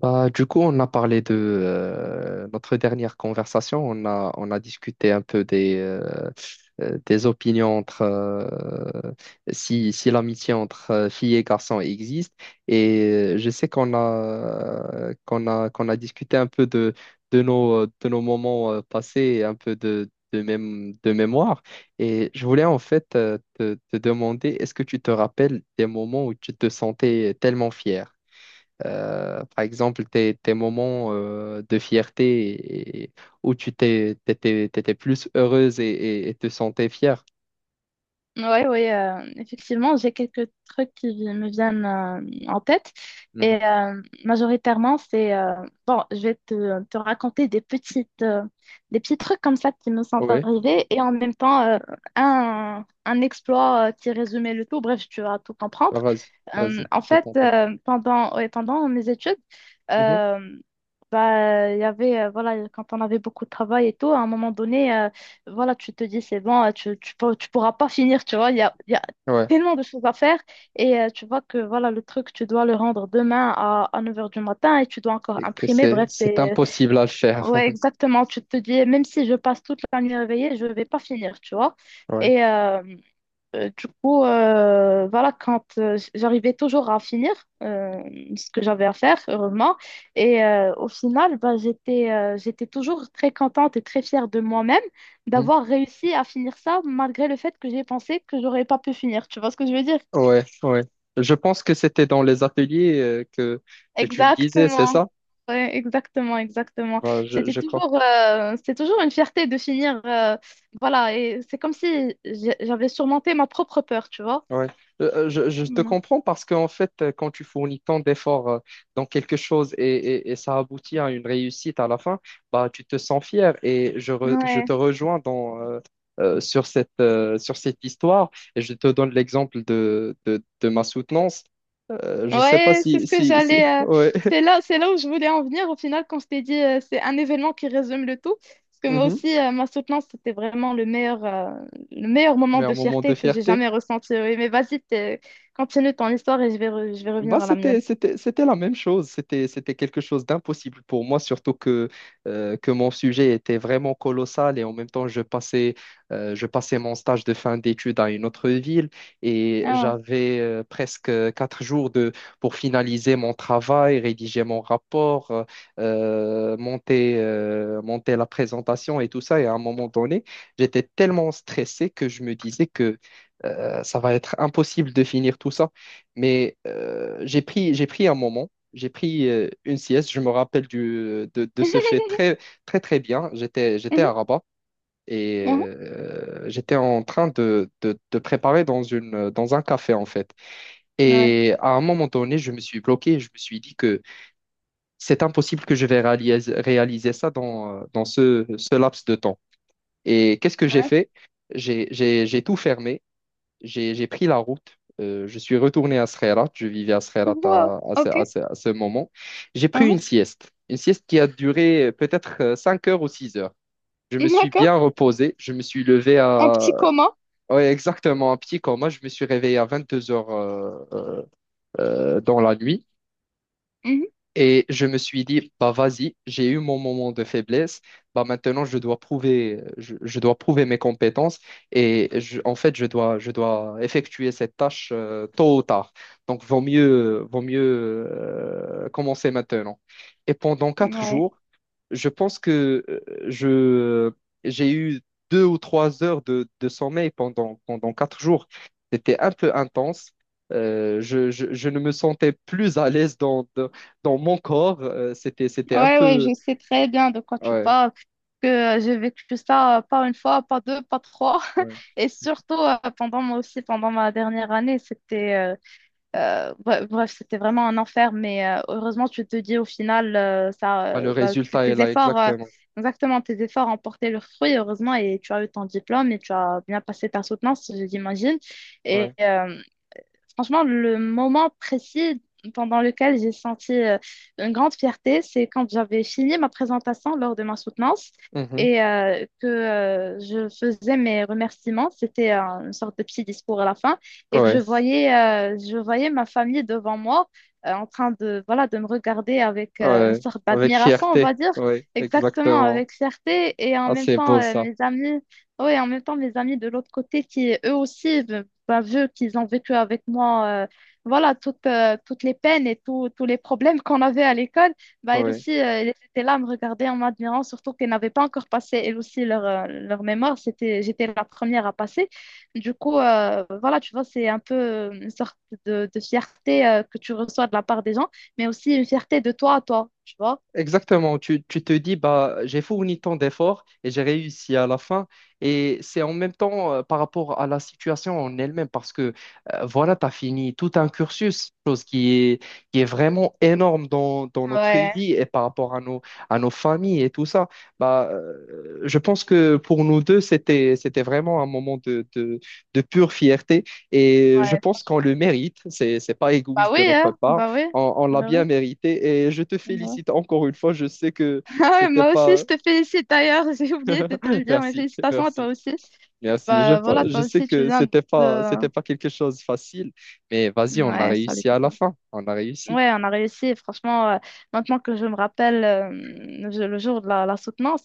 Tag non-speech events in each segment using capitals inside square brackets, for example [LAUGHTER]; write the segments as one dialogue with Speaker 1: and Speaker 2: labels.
Speaker 1: Du coup, on a parlé de notre dernière conversation. On a discuté un peu des opinions entre si l'amitié entre filles et garçons existe. Et je sais qu'on a discuté un peu de nos moments passés, un peu de mémoire. Et je voulais en fait te demander, est-ce que tu te rappelles des moments où tu te sentais tellement fier? Par exemple, tes moments de fierté où tu t'étais plus heureuse et te sentais fière.
Speaker 2: Oui, oui, effectivement, j'ai quelques trucs qui me viennent en tête.
Speaker 1: Mhm.
Speaker 2: Et majoritairement, bon, je vais te raconter des petits trucs comme ça qui me sont
Speaker 1: Ouais,
Speaker 2: arrivés et en même temps, un exploit qui résumait le tout. Bref, tu vas tout
Speaker 1: bah,
Speaker 2: comprendre.
Speaker 1: vas-y, vas-y,
Speaker 2: En
Speaker 1: je
Speaker 2: fait,
Speaker 1: t'entends.
Speaker 2: ouais, pendant mes études,
Speaker 1: Mhm.
Speaker 2: euh, bah, il y avait, voilà, quand on avait beaucoup de travail et tout, à un moment voilà, tu te dis c'est bon, tu pourras pas finir, tu vois, il y a
Speaker 1: Ouais,
Speaker 2: tellement de choses à faire et tu vois que voilà, le truc, tu dois le rendre demain à 9 heures du matin et tu dois encore
Speaker 1: et que
Speaker 2: imprimer,
Speaker 1: c'est,
Speaker 2: bref,
Speaker 1: c'est impossible à le faire.
Speaker 2: ouais,
Speaker 1: [LAUGHS]
Speaker 2: exactement, tu te dis, même si je passe toute la nuit réveillée, je vais pas finir, tu vois.
Speaker 1: Ouais.
Speaker 2: Et, du coup, voilà, quand j'arrivais toujours à finir euh, ce que j'avais à faire, heureusement, et au final, bah, j'étais toujours très contente et très fière de moi-même
Speaker 1: Mhm.
Speaker 2: d'avoir réussi à finir ça malgré le fait que j'ai pensé que j'aurais pas pu finir. Tu vois ce que je veux dire?
Speaker 1: Ouais. Je pense que c'était dans les ateliers que tu me disais, c'est
Speaker 2: Exactement.
Speaker 1: ça?
Speaker 2: Ouais, exactement, exactement.
Speaker 1: Bah, je,
Speaker 2: C'était
Speaker 1: je
Speaker 2: toujours, euh, c'était toujours une fierté de finir, voilà, et c'est comme si j'avais surmonté ma propre peur, tu vois.
Speaker 1: Ouais. Je te
Speaker 2: Mm.
Speaker 1: comprends parce qu'en fait, quand tu fournis tant d'efforts dans quelque chose et ça aboutit à une réussite à la fin, bah, tu te sens fier et je
Speaker 2: Ouais.
Speaker 1: te rejoins sur cette histoire et je te donne l'exemple de ma soutenance. Je ne sais pas
Speaker 2: Ouais, c'est
Speaker 1: si...
Speaker 2: ce que j'allais.
Speaker 1: [LAUGHS] Ouais.
Speaker 2: C'est là où je voulais en venir. Au final, quand je t'ai dit, c'est un événement qui résume le tout. Parce que moi
Speaker 1: Mhm.
Speaker 2: aussi, ma soutenance, c'était vraiment le meilleur moment
Speaker 1: Mais un
Speaker 2: de
Speaker 1: moment de
Speaker 2: fierté que j'ai
Speaker 1: fierté.
Speaker 2: jamais ressenti. Oui, mais vas-y, continue ton histoire et je vais
Speaker 1: Bah,
Speaker 2: revenir à la mienne.
Speaker 1: c'était la même chose. C'était quelque chose d'impossible pour moi, surtout que, mon sujet était vraiment colossal et en même temps, je passais mon stage de fin d'études à une autre ville et
Speaker 2: Ah.
Speaker 1: j'avais presque 4 jours pour finaliser mon travail, rédiger mon rapport, monter la présentation et tout ça. Et à un moment donné, j'étais tellement stressé que je me disais que ça va être impossible de finir tout ça. Mais j'ai pris un moment, j'ai pris une sieste. Je me rappelle de ce fait
Speaker 2: [LAUGHS]
Speaker 1: très bien. J'étais
Speaker 2: Mhm,
Speaker 1: à Rabat et
Speaker 2: mhm,
Speaker 1: j'étais en train de préparer dans un café, en fait.
Speaker 2: ouais,
Speaker 1: Et à un moment donné, je me suis bloqué. Je me suis dit que c'est impossible que je vais réaliser ça dans, ce laps de temps. Et qu'est-ce que j'ai
Speaker 2: ouais.
Speaker 1: fait? J'ai tout fermé, j'ai pris la route. Je suis retourné à Sreerat. Je vivais à Sreerat
Speaker 2: Wow, ok.
Speaker 1: à ce moment. J'ai pris une sieste. Une sieste qui a duré peut-être 5 heures ou 6 heures. Je me
Speaker 2: Mhm.
Speaker 1: suis
Speaker 2: D'accord.
Speaker 1: bien reposé. Je me suis levé
Speaker 2: Un
Speaker 1: à...
Speaker 2: petit coma.
Speaker 1: Ouais, exactement, un petit coma. Je me suis réveillé à 22 heures dans la nuit.
Speaker 2: Mhm,
Speaker 1: Et je me suis dit, bah vas-y, j'ai eu mon moment de faiblesse, bah maintenant je dois prouver, je dois prouver mes compétences et je- en fait je dois effectuer cette tâche tôt ou tard. Donc vaut mieux commencer maintenant. Et pendant quatre
Speaker 2: ouais.
Speaker 1: jours, je pense que je, j'ai eu 2 ou 3 heures de sommeil pendant 4 jours. C'était un peu intense. Je ne me sentais plus à l'aise dans mon corps. C'était un
Speaker 2: Ouais, ouais,
Speaker 1: peu...
Speaker 2: je sais très bien de quoi tu
Speaker 1: Ouais,
Speaker 2: parles, que j'ai vécu ça pas une fois, pas deux, pas trois,
Speaker 1: ouais.
Speaker 2: [LAUGHS] et surtout pendant moi aussi, pendant ma dernière année, c'était bref, c'était vraiment un enfer, mais heureusement, tu te dis au final, ça,
Speaker 1: Bah, le
Speaker 2: bah,
Speaker 1: résultat est là, exactement.
Speaker 2: exactement, tes efforts ont porté leurs fruits, heureusement, et tu as eu ton diplôme et tu as bien passé ta soutenance, j'imagine, et,
Speaker 1: Ouais.
Speaker 2: euh, Franchement, le moment précis pendant lequel j'ai senti une grande fierté, c'est quand j'avais fini ma présentation lors de ma soutenance
Speaker 1: Mhm.
Speaker 2: et que je faisais mes remerciements. C'était Une sorte de petit discours à la fin et que
Speaker 1: Ouais,
Speaker 2: je voyais ma famille devant moi en train voilà, de me regarder avec une
Speaker 1: ouais.
Speaker 2: sorte
Speaker 1: Avec
Speaker 2: d'admiration, on
Speaker 1: fierté.
Speaker 2: va dire,
Speaker 1: Ouais,
Speaker 2: exactement
Speaker 1: exactement.
Speaker 2: avec fierté et en
Speaker 1: Ah,
Speaker 2: même
Speaker 1: c'est
Speaker 2: temps
Speaker 1: beau ça.
Speaker 2: mes amis. Oui, en même temps, mes amis de l'autre côté qui, eux aussi, bah, vu qu'ils ont vécu avec moi voilà toutes les peines et tous les problèmes qu'on avait à l'école, bah, elles
Speaker 1: Ouais.
Speaker 2: aussi, elles étaient là à me regarder en m'admirant, surtout qu'elles n'avaient pas encore passé, elles aussi, leur mémoire. J'étais la première à passer. Du coup, voilà, tu vois, c'est un peu une sorte de fierté que tu reçois de la part des gens, mais aussi une fierté de toi à toi, tu vois.
Speaker 1: Exactement, tu te dis, bah, j'ai fourni tant d'efforts et j'ai réussi à la fin. Et c'est en même temps par rapport à la situation en elle-même, parce que voilà, tu as fini tout un cursus, qui est vraiment énorme dans notre
Speaker 2: Ouais,
Speaker 1: vie et par rapport à nos familles et tout ça. Je pense que pour nous deux, c'était vraiment un moment de pure fierté et je
Speaker 2: ouais.
Speaker 1: pense qu'on le mérite. C'est pas
Speaker 2: Bah
Speaker 1: égoïste
Speaker 2: oui,
Speaker 1: de notre
Speaker 2: hein,
Speaker 1: part.
Speaker 2: bah oui.
Speaker 1: On l'a
Speaker 2: Bah
Speaker 1: bien
Speaker 2: oui.
Speaker 1: mérité et je te
Speaker 2: Ouais.
Speaker 1: félicite encore une fois. Je sais que
Speaker 2: Ah ouais,
Speaker 1: c'était
Speaker 2: moi aussi,
Speaker 1: pas.
Speaker 2: je te félicite d'ailleurs, [LAUGHS] j'ai oublié de te
Speaker 1: [LAUGHS]
Speaker 2: le dire, mais
Speaker 1: Merci,
Speaker 2: félicitations à toi
Speaker 1: merci,
Speaker 2: aussi.
Speaker 1: Merci.
Speaker 2: Bah voilà,
Speaker 1: Je
Speaker 2: toi
Speaker 1: sais
Speaker 2: aussi, tu
Speaker 1: que
Speaker 2: viens de...
Speaker 1: c'était pas quelque chose de facile, mais vas-y, on a
Speaker 2: Ouais, ça
Speaker 1: réussi
Speaker 2: l'était.
Speaker 1: à la fin. On a réussi.
Speaker 2: Ouais, on a réussi. Franchement, maintenant que je me rappelle le jour de la soutenance,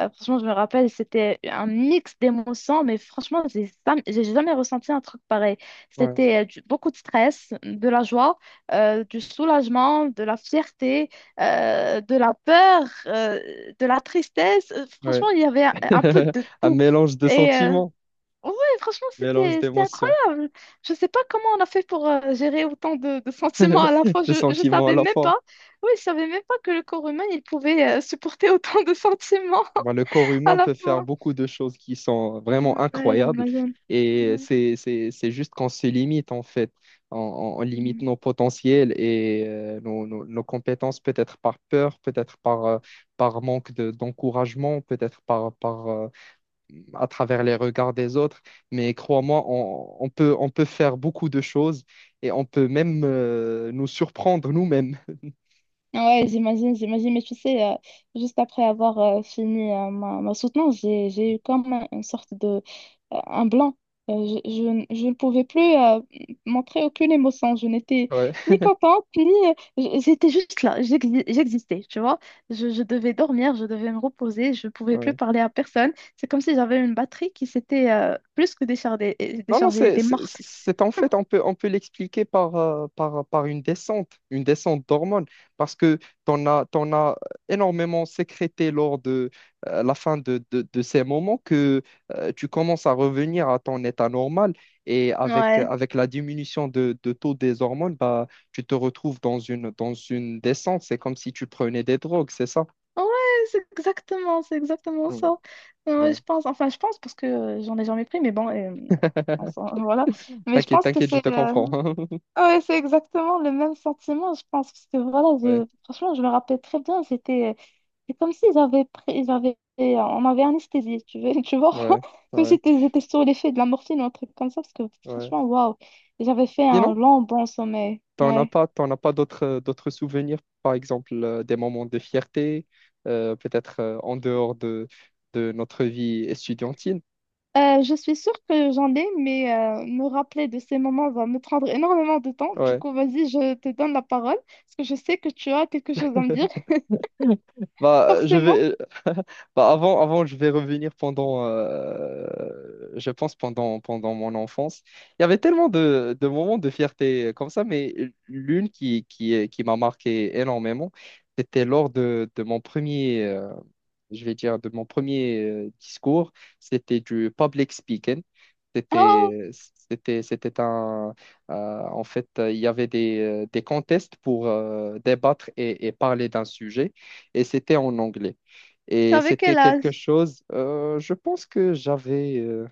Speaker 2: franchement, je me rappelle, c'était un mix d'émotions, mais franchement, j'ai jamais ressenti un truc pareil.
Speaker 1: Ouais,
Speaker 2: Beaucoup de stress, de la joie, du soulagement, de la fierté, de la peur, de la tristesse.
Speaker 1: ouais.
Speaker 2: Franchement, il y avait un peu
Speaker 1: [LAUGHS]
Speaker 2: de
Speaker 1: Un
Speaker 2: tout.
Speaker 1: mélange de
Speaker 2: Et
Speaker 1: sentiments,
Speaker 2: ouais, franchement,
Speaker 1: mélange
Speaker 2: c'était
Speaker 1: d'émotions,
Speaker 2: incroyable. Je sais pas comment on a fait pour gérer autant de sentiments à la fois.
Speaker 1: [LAUGHS] de
Speaker 2: Je
Speaker 1: sentiments à
Speaker 2: savais
Speaker 1: la
Speaker 2: même
Speaker 1: fois.
Speaker 2: pas. Oui, je savais même pas que le corps humain il pouvait supporter [LAUGHS] autant de sentiments
Speaker 1: Bah, le corps
Speaker 2: à
Speaker 1: humain
Speaker 2: la
Speaker 1: peut faire
Speaker 2: fois.
Speaker 1: beaucoup de choses qui sont vraiment
Speaker 2: Mm, ouais,
Speaker 1: incroyables
Speaker 2: j'imagine.
Speaker 1: et
Speaker 2: Ouais.
Speaker 1: c'est juste qu'on se limite en fait. On limite
Speaker 2: Mm.
Speaker 1: nos potentiels et nos compétences peut-être par peur, peut-être par, par manque d'encouragement, peut-être à travers les regards des autres. Mais crois-moi, on peut faire beaucoup de choses et on peut même nous surprendre nous-mêmes.
Speaker 2: Ouais, j'imagine, j'imagine. Mais tu sais, juste après avoir fini ma soutenance, j'ai eu comme une sorte de... un blanc. Je ne pouvais plus montrer aucune émotion. Je n'étais
Speaker 1: Ouais.
Speaker 2: ni contente, ni... J'étais juste là. J'existais, tu vois. Je devais dormir, je devais me reposer. Je ne pouvais plus parler à personne. C'est comme si j'avais une batterie qui s'était plus que déchargée,
Speaker 1: Non,
Speaker 2: déchargée. Elle était morte.
Speaker 1: c'est en fait, on peut l'expliquer par une descente d'hormones, parce que t'en as énormément sécrété lors de la fin de ces moments que tu commences à revenir à ton état normal et
Speaker 2: Ouais,
Speaker 1: avec la diminution de taux des hormones, bah, tu te retrouves dans une descente. C'est comme si tu prenais des drogues, c'est ça?
Speaker 2: ouais, c'est exactement
Speaker 1: Mm,
Speaker 2: ça. Ouais,
Speaker 1: ouais.
Speaker 2: je pense, enfin, je pense parce que j'en ai jamais pris, mais bon,
Speaker 1: [LAUGHS]
Speaker 2: [LAUGHS] voilà. Mais je
Speaker 1: T'inquiète,
Speaker 2: pense que
Speaker 1: t'inquiète, je te comprends. [LAUGHS]
Speaker 2: ouais, c'est exactement le même sentiment, je pense, parce que voilà,
Speaker 1: Ouais,
Speaker 2: franchement, je me rappelle très bien, c'est comme si on m'avait anesthésié, tu vois, [LAUGHS] tu vois,
Speaker 1: ouais,
Speaker 2: comme si
Speaker 1: ouais,
Speaker 2: j'étais sous l'effet de la morphine ou un truc comme ça, parce que
Speaker 1: ouais.
Speaker 2: franchement, waouh, j'avais fait un
Speaker 1: Sinon?
Speaker 2: long bon sommeil. Ouais.
Speaker 1: T'en as pas d'autres d'autres souvenirs, par exemple des moments de fierté, peut-être en dehors de notre vie estudiantine.
Speaker 2: Je suis sûre que j'en ai, mais me rappeler de ces moments va me prendre énormément de temps. Du
Speaker 1: Ouais.
Speaker 2: coup, vas-y, je te donne la parole, parce que je sais que tu as quelque chose à me dire, [LAUGHS]
Speaker 1: Bah, je
Speaker 2: forcément.
Speaker 1: vais, [LAUGHS] bah, avant, je vais revenir je pense pendant mon enfance. Il y avait tellement de moments de fierté comme ça, mais l'une qui m'a marqué énormément, c'était lors de mon premier, de mon premier discours, c'était du public speaking.
Speaker 2: Oh,
Speaker 1: C'était, C'était un, euh, il y avait des contests pour débattre et parler d'un sujet, et c'était en anglais. Et
Speaker 2: avec
Speaker 1: c'était
Speaker 2: quel
Speaker 1: quelque
Speaker 2: âge?
Speaker 1: chose, je pense que j'avais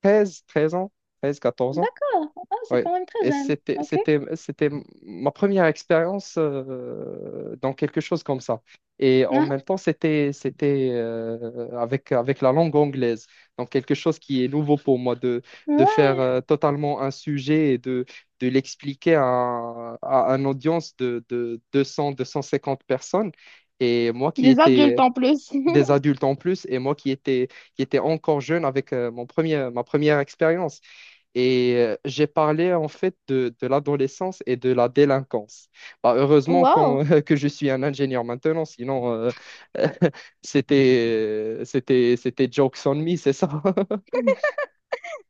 Speaker 1: 13 13 ans, 13, 14 ans.
Speaker 2: D'accord. Ah, c'est
Speaker 1: Oui,
Speaker 2: quand même très
Speaker 1: et
Speaker 2: jeune. Ok.
Speaker 1: c'était ma première expérience dans quelque chose comme ça. Et en
Speaker 2: Ah,
Speaker 1: même temps, c'était avec la langue anglaise. Donc, quelque chose qui est nouveau pour moi, de faire
Speaker 2: ouais.
Speaker 1: totalement un sujet et de l'expliquer à une audience de 200, 250 personnes. Et moi qui
Speaker 2: Des adultes
Speaker 1: étais
Speaker 2: en plus. [LAUGHS]
Speaker 1: des adultes en plus, et moi qui étais, qui était encore jeune avec ma première expérience. Et j'ai parlé en fait de l'adolescence et de la délinquance. Bah,
Speaker 2: Wow.
Speaker 1: [LAUGHS] que je suis un ingénieur maintenant, sinon [LAUGHS] c'était jokes on me, c'est ça? [LAUGHS]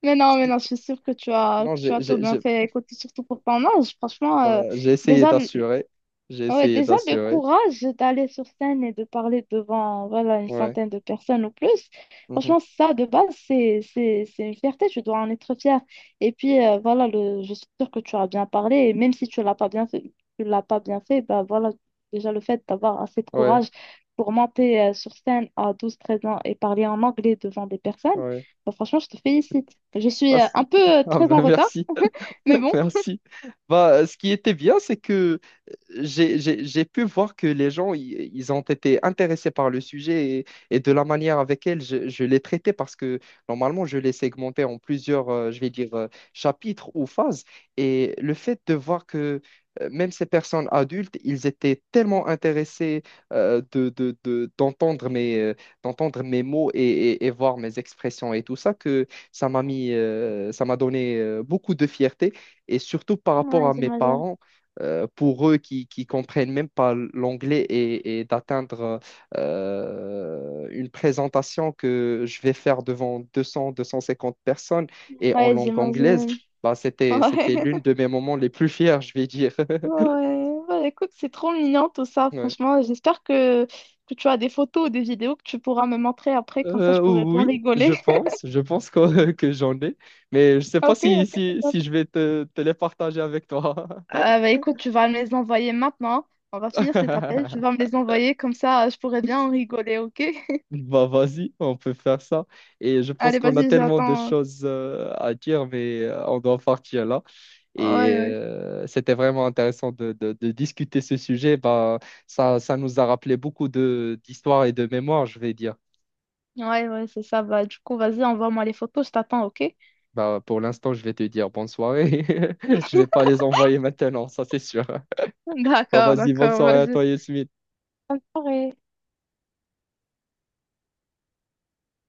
Speaker 2: Mais non, je suis sûre que tu as,
Speaker 1: Sinon,
Speaker 2: que tu as tout bien fait. Écoute, surtout pour ton âge, franchement,
Speaker 1: bah, j'ai essayé
Speaker 2: déjà,
Speaker 1: d'assurer. J'ai
Speaker 2: ouais,
Speaker 1: essayé
Speaker 2: déjà, le
Speaker 1: d'assurer.
Speaker 2: courage d'aller sur scène et de parler devant, voilà, une
Speaker 1: Ouais.
Speaker 2: centaine de personnes ou plus,
Speaker 1: Mhm.
Speaker 2: franchement, ça, de base, c'est une fierté, tu dois en être fier. Et puis, voilà, je suis sûre que tu as bien parlé, et même si tu l'as pas bien fait, tu l'as pas bien fait, bah voilà, déjà, le fait d'avoir assez de
Speaker 1: Ouais.
Speaker 2: courage pour monter, sur scène à 12 13 ans et parler en anglais devant des personnes,
Speaker 1: Ouais.
Speaker 2: bah, franchement, je te félicite. Je suis,
Speaker 1: Bah,
Speaker 2: un
Speaker 1: [LAUGHS]
Speaker 2: peu,
Speaker 1: Ah,
Speaker 2: très en
Speaker 1: ben
Speaker 2: retard,
Speaker 1: merci.
Speaker 2: mais
Speaker 1: [LAUGHS]
Speaker 2: bon.
Speaker 1: Merci. Bah, ce qui était bien, c'est que j'ai pu voir que les gens, ils ont été intéressés par le sujet et de la manière avec elle je l'ai traité parce que normalement, je l'ai segmenté en plusieurs, chapitres ou phases. Et le fait de voir que même ces personnes adultes, ils étaient tellement intéressés euh, de, de- de- d'entendre mes, euh, d'entendre mes mots et, et voir mes expressions et tout ça, que ça m'a donné beaucoup de fierté. Et surtout par rapport
Speaker 2: Ouais,
Speaker 1: à mes
Speaker 2: j'imagine.
Speaker 1: parents pour eux qui comprennent même pas l'anglais et d'atteindre une présentation que je vais faire devant 200, 250 personnes et en
Speaker 2: Ouais,
Speaker 1: langue anglaise,
Speaker 2: j'imagine.
Speaker 1: bah,
Speaker 2: [LAUGHS]
Speaker 1: c'était
Speaker 2: Ouais.
Speaker 1: l'une de mes moments les plus fiers, je vais dire. [LAUGHS]
Speaker 2: Ouais, bah, écoute, c'est trop mignon tout ça,
Speaker 1: Ouais.
Speaker 2: franchement. J'espère que tu as des photos ou des vidéos que tu pourras me montrer après, comme ça je pourrais bien
Speaker 1: Oui,
Speaker 2: rigoler. [LAUGHS]
Speaker 1: je pense que, [LAUGHS] que j'en ai, mais je sais pas
Speaker 2: Ok, ok, c'est top.
Speaker 1: si je vais te les partager avec toi.
Speaker 2: Ah bah, écoute, tu vas me les envoyer maintenant. On va finir cet appel, tu vas me
Speaker 1: [LAUGHS]
Speaker 2: les envoyer, comme ça je pourrais bien en rigoler, ok? [LAUGHS]
Speaker 1: Bah vas-y, on peut faire ça. Et je pense
Speaker 2: Allez,
Speaker 1: qu'on a
Speaker 2: vas-y,
Speaker 1: tellement de
Speaker 2: j'attends.
Speaker 1: choses à dire, mais on doit partir là.
Speaker 2: Ouais,
Speaker 1: Et
Speaker 2: ouais.
Speaker 1: c'était vraiment intéressant de discuter ce sujet. Bah, ça nous a rappelé beaucoup de d'histoires et de mémoires, je vais dire.
Speaker 2: Ouais, ouais, c'est ça. Bah, du coup, vas-y, envoie-moi les photos, je t'attends, ok?
Speaker 1: Bah, pour l'instant, je vais te dire bonne soirée. [LAUGHS] Je vais pas les envoyer maintenant, ça c'est sûr.
Speaker 2: [LAUGHS]
Speaker 1: Bah
Speaker 2: D'accord,
Speaker 1: vas-y, bonne
Speaker 2: d'accord,
Speaker 1: soirée à
Speaker 2: vas-y.
Speaker 1: toi, Yasmine.
Speaker 2: Bonne soirée.